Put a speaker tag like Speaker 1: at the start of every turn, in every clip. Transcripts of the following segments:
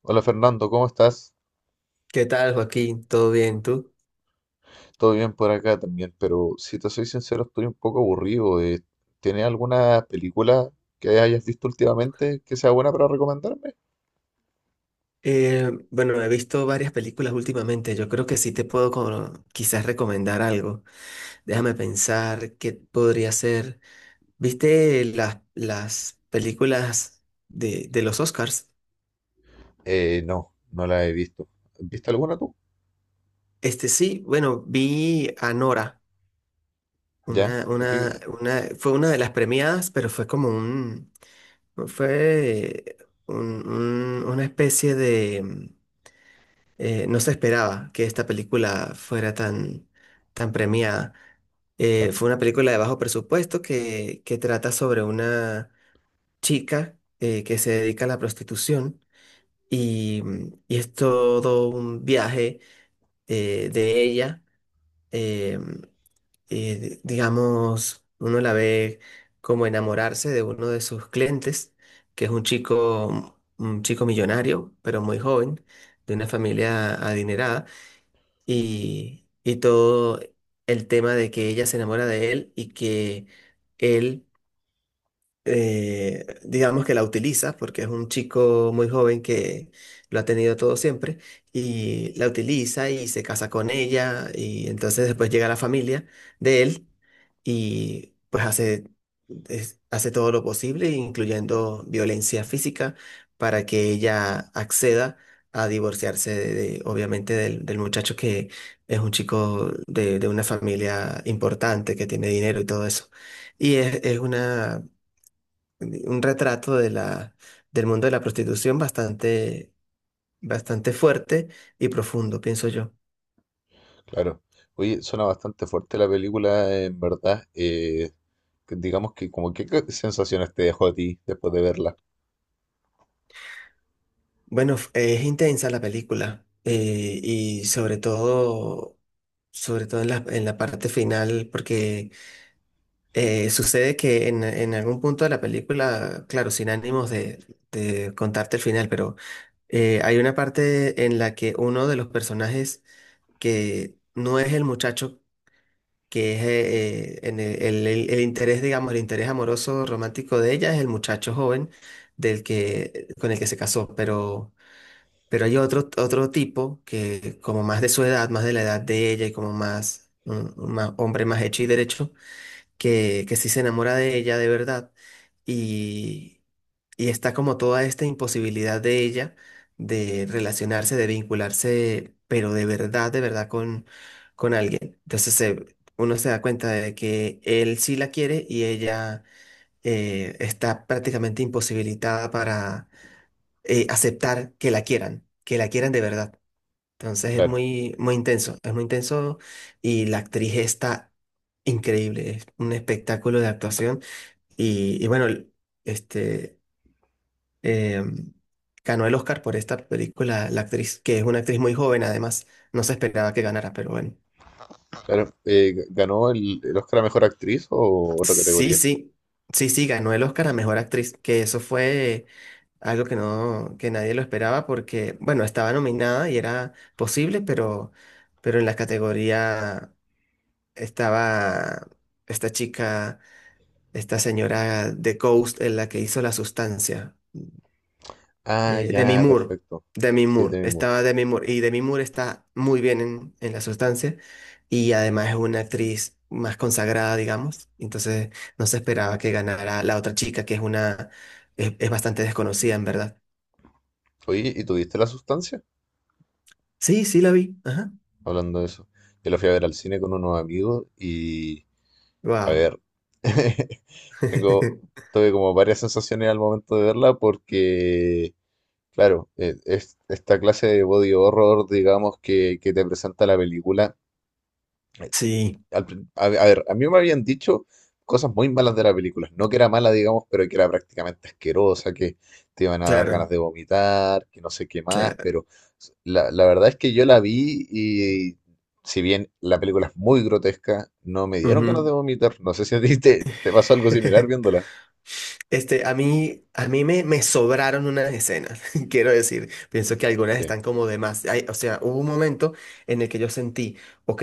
Speaker 1: Hola Fernando, ¿cómo estás?
Speaker 2: ¿Qué tal, Joaquín? ¿Todo bien? ¿Tú?
Speaker 1: Todo bien por acá también, pero si te soy sincero, estoy un poco aburrido. ¿Tienes alguna película que hayas visto últimamente que sea buena para recomendarme?
Speaker 2: Bueno, he visto varias películas últimamente. Yo creo que sí te puedo como quizás recomendar algo. Déjame pensar qué podría ser. ¿Viste las películas de los Oscars?
Speaker 1: No, no la he visto. ¿Viste alguna tú?
Speaker 2: Este sí, bueno, vi a Nora.
Speaker 1: ¿Ya?
Speaker 2: Una,
Speaker 1: ¿De
Speaker 2: una,
Speaker 1: qué?
Speaker 2: una, fue una de las premiadas, pero fue como un, fue una especie de, no se esperaba que esta película fuera tan, tan premiada.
Speaker 1: Claro,
Speaker 2: Fue una película de bajo presupuesto que trata sobre una chica que se dedica a la prostitución y, y es todo un viaje de ella. eh, digamos, uno la ve como enamorarse de uno de sus clientes, que es un chico millonario, pero muy joven, de una familia adinerada y todo el tema de que ella se enamora de él y que él digamos que la utiliza, porque es un chico muy joven que lo ha tenido todo siempre, y la utiliza y se casa con ella, y entonces después llega la familia de él y pues hace, hace todo lo posible, incluyendo violencia física, para que ella acceda a divorciarse obviamente del muchacho que es un chico de una familia importante, que tiene dinero y todo eso. Y es una un retrato del mundo de la prostitución bastante, bastante fuerte y profundo, pienso yo.
Speaker 1: claro. Oye, suena bastante fuerte la película, en verdad. Que digamos que como que qué sensaciones te dejó a ti después de verla.
Speaker 2: Bueno, es intensa la película y sobre todo en en la parte final, porque sucede que en algún punto de la película, claro, sin ánimos de contarte el final, pero hay una parte en la que uno de los personajes que no es el muchacho que es en el interés, digamos, el interés amoroso romántico de ella es el muchacho joven del que, con el que se casó, pero hay otro, otro tipo que como más de su edad, más de la edad de ella y como más, un, hombre más hecho y derecho, que sí se enamora de ella de verdad y está como toda esta imposibilidad de ella de relacionarse, de vincularse, pero de verdad con alguien. Uno se da cuenta de que él sí la quiere y ella está prácticamente imposibilitada para aceptar que la quieran de verdad. Entonces es
Speaker 1: Claro,
Speaker 2: muy, muy intenso, es muy intenso, y la actriz está increíble, es un espectáculo de actuación. Y bueno, este, eh, ganó el Oscar por esta película, la actriz, que es una actriz muy joven además, no se esperaba que ganara, pero bueno.
Speaker 1: claro. ¿Ganó el Oscar a Mejor Actriz o otra
Speaker 2: Sí,
Speaker 1: categoría?
Speaker 2: sí, sí, sí, ganó el Oscar a Mejor Actriz, que eso fue algo que nadie lo esperaba porque, bueno, estaba nominada y era posible, pero en la categoría estaba esta chica, esta señora de Ghost, en la que hizo La Sustancia.
Speaker 1: Ah,
Speaker 2: Eh, Demi
Speaker 1: ya,
Speaker 2: Moore,
Speaker 1: perfecto.
Speaker 2: Demi
Speaker 1: Sí,
Speaker 2: Moore,
Speaker 1: de mi.
Speaker 2: estaba Demi Moore y Demi Moore está muy bien en La Sustancia, y además es una actriz más consagrada, digamos, entonces no se esperaba que ganara la otra chica que es una, es bastante desconocida en verdad.
Speaker 1: Oye, ¿y tuviste la sustancia?
Speaker 2: Sí, sí la vi, ajá.
Speaker 1: Hablando de eso. Yo la fui a ver al cine con unos amigos y, a
Speaker 2: Wow.
Speaker 1: ver, tengo, tuve como varias sensaciones al momento de verla porque, claro, esta clase de body horror, digamos, que te presenta la película,
Speaker 2: Sí,
Speaker 1: a ver, a mí me habían dicho cosas muy malas de la película. No que era mala, digamos, pero que era prácticamente asquerosa, que te iban a dar ganas
Speaker 2: claro,
Speaker 1: de vomitar, que no sé qué más,
Speaker 2: claro.
Speaker 1: pero la verdad es que yo la vi y si bien la película es muy grotesca, no me dieron ganas de
Speaker 2: Ujú.
Speaker 1: vomitar. No sé si a ti te pasó algo similar viéndola.
Speaker 2: Este, a mí me, me sobraron unas escenas, quiero decir, pienso que algunas
Speaker 1: Sí,
Speaker 2: están como de más. O sea, hubo un momento en el que yo sentí, ok,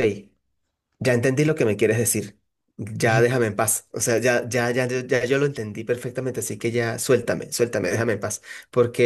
Speaker 2: ya entendí lo que me quieres decir. Ya déjame en paz. O sea, ya, ya, ya, ya, ya yo lo entendí perfectamente, así que ya suéltame, suéltame, déjame en paz.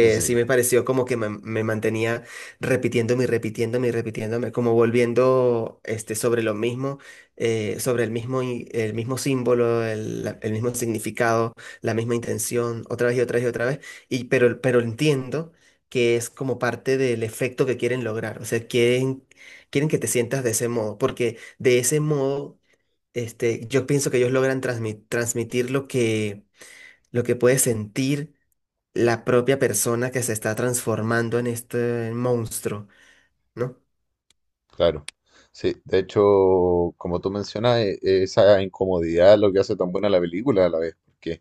Speaker 1: sí,
Speaker 2: sí me
Speaker 1: sí.
Speaker 2: pareció como que me mantenía repitiéndome y repitiéndome y repitiéndome, como volviendo este, sobre lo mismo, sobre el mismo, el mismo símbolo, el, el mismo significado, la misma intención, otra vez y otra vez y otra vez. Y, pero entiendo que es como parte del efecto que quieren lograr. O sea, quieren, quieren que te sientas de ese modo, porque de ese modo, este, yo pienso que ellos logran transmitir lo que puede sentir la propia persona que se está transformando en este monstruo, ¿no?
Speaker 1: Claro, sí, de hecho, como tú mencionas, esa incomodidad es lo que hace tan buena la película a la vez, porque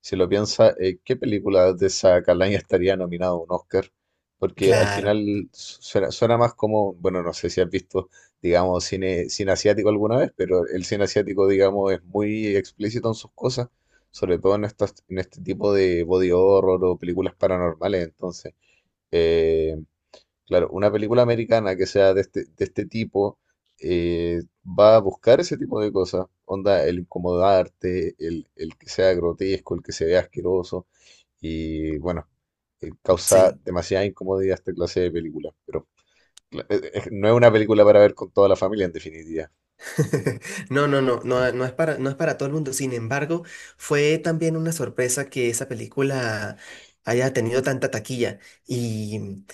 Speaker 1: si lo piensas, ¿qué película de esa calaña estaría nominada a un Oscar? Porque al
Speaker 2: Claro,
Speaker 1: final suena más como, bueno, no sé si has visto, digamos, cine asiático alguna vez, pero el cine asiático, digamos, es muy explícito en sus cosas, sobre todo en en este tipo de body horror o películas paranormales, entonces. eh, Claro, una película americana que sea de de este tipo va a buscar ese tipo de cosas. Onda, el incomodarte, el que sea grotesco, el que se vea asqueroso. Y bueno, causa
Speaker 2: sí.
Speaker 1: demasiada incomodidad esta clase de películas. Pero no es una película para ver con toda la familia, en definitiva.
Speaker 2: No, no, no,
Speaker 1: Sí,
Speaker 2: no, no es para, no es para todo el mundo. Sin embargo, fue también una sorpresa que esa película haya tenido tanta taquilla. Y,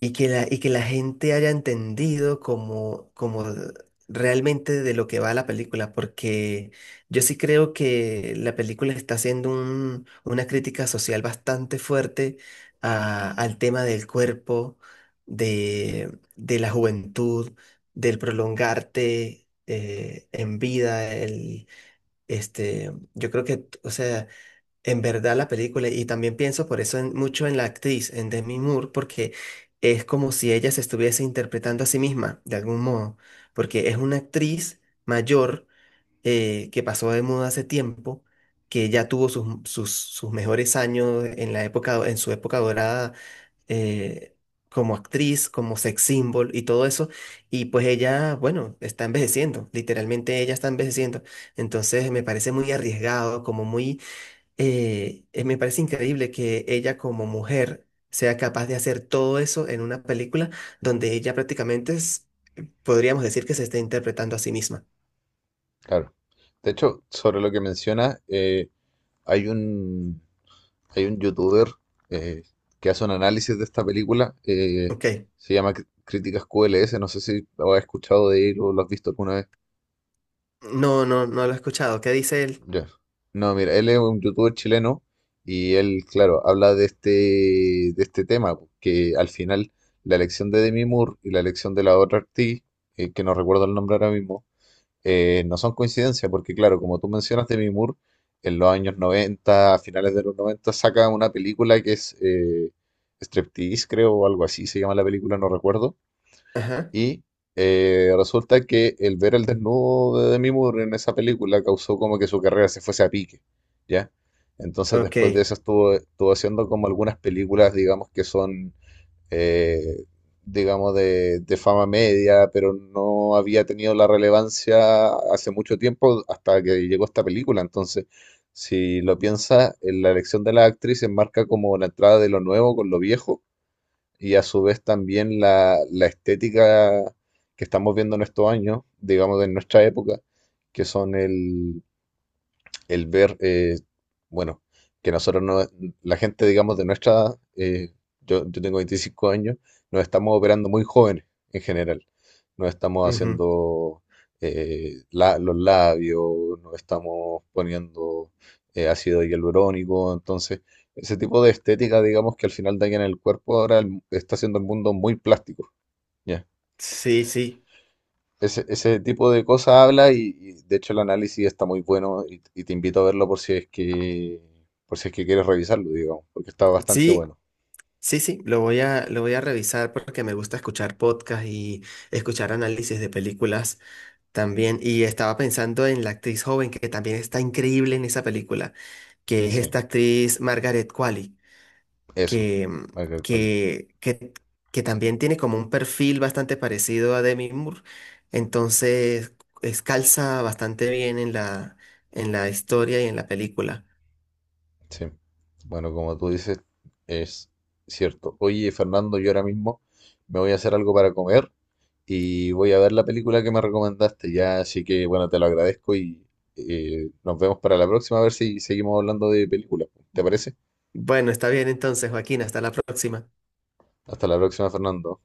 Speaker 2: y que y que la gente haya entendido como, como realmente de lo que va la película, porque yo sí creo que la película está haciendo una crítica social bastante fuerte al tema del cuerpo, de la juventud, del prolongarte en vida, el, este, yo creo que, o sea... En verdad la película, y también pienso por eso mucho en la actriz, en Demi Moore, porque es como si ella se estuviese interpretando a sí misma, de algún modo, porque es una actriz mayor que pasó de moda hace tiempo, que ya tuvo sus, sus, sus mejores años en la época, en su época dorada eh, como actriz, como sex symbol y todo eso, y pues ella, bueno, está envejeciendo, literalmente ella está envejeciendo, entonces me parece muy arriesgado, como muy me parece increíble que ella como mujer sea capaz de hacer todo eso en una película donde ella prácticamente es, podríamos decir que se está interpretando a sí misma.
Speaker 1: claro. De hecho, sobre lo que mencionas, hay un, hay un youtuber eh, que hace un análisis de esta película,
Speaker 2: Ok.
Speaker 1: se llama Críticas QLS, no sé si lo has escuchado de él o lo has visto alguna vez.
Speaker 2: No, no, no lo he escuchado. ¿Qué dice él?
Speaker 1: Ya. No, mira, él es un youtuber chileno y él, claro, habla de de este tema, que al final la elección de Demi Moore y la elección de la otra actriz, que no recuerdo el nombre ahora mismo, no son coincidencias, porque claro, como tú mencionas, Demi Moore en los años 90 a finales de los 90 saca una película que es Striptease, creo, o algo así se llama la película, no recuerdo.
Speaker 2: Ajá.
Speaker 1: Y Resulta que el ver el desnudo de Demi Moore en esa película causó como que su carrera se fuese a pique, ¿ya? Entonces después de
Speaker 2: Ok.
Speaker 1: eso estuvo haciendo como algunas películas, digamos, que son eh, digamos, de fama media, pero no había tenido la relevancia hace mucho tiempo hasta que llegó esta película. Entonces, si lo piensas, en la elección de las actrices marca como la entrada de lo nuevo con lo viejo y a su vez también la estética que estamos viendo en estos años, digamos, de nuestra época, que son el ver, bueno, que nosotros no, la gente, digamos, de nuestra edad, yo tengo 25 años, nos estamos operando muy jóvenes en general. Nos estamos
Speaker 2: Ujú.
Speaker 1: haciendo los labios, nos estamos poniendo ácido hialurónico, entonces ese tipo de estética, digamos, que al final daña en el cuerpo, ahora está haciendo el mundo muy plástico, ¿ya?
Speaker 2: Sí, sí.
Speaker 1: Ese tipo de cosas habla y, de hecho el análisis está muy bueno y te invito a verlo por si es que quieres revisarlo, digamos, porque está bastante
Speaker 2: Sí,
Speaker 1: bueno.
Speaker 2: sí, sí. Lo voy a revisar porque me gusta escuchar podcasts y escuchar análisis de películas también. Y estaba pensando en la actriz joven que también está increíble en esa película, que es
Speaker 1: Sí,
Speaker 2: esta actriz Margaret Qualley,
Speaker 1: eso,
Speaker 2: que,
Speaker 1: Michael Quali.
Speaker 2: que, que, que también tiene como un perfil bastante parecido a Demi Moore, entonces calza bastante bien en la historia y en la película.
Speaker 1: Sí. Bueno, como tú dices, es cierto. Oye, Fernando, yo ahora mismo me voy a hacer algo para comer y voy a ver la película que me recomendaste ya, así que bueno, te lo agradezco y nos vemos para la próxima a ver si seguimos hablando de películas. ¿Te parece?
Speaker 2: Bueno, está bien entonces, Joaquín, hasta la próxima.
Speaker 1: Hasta la próxima, Fernando.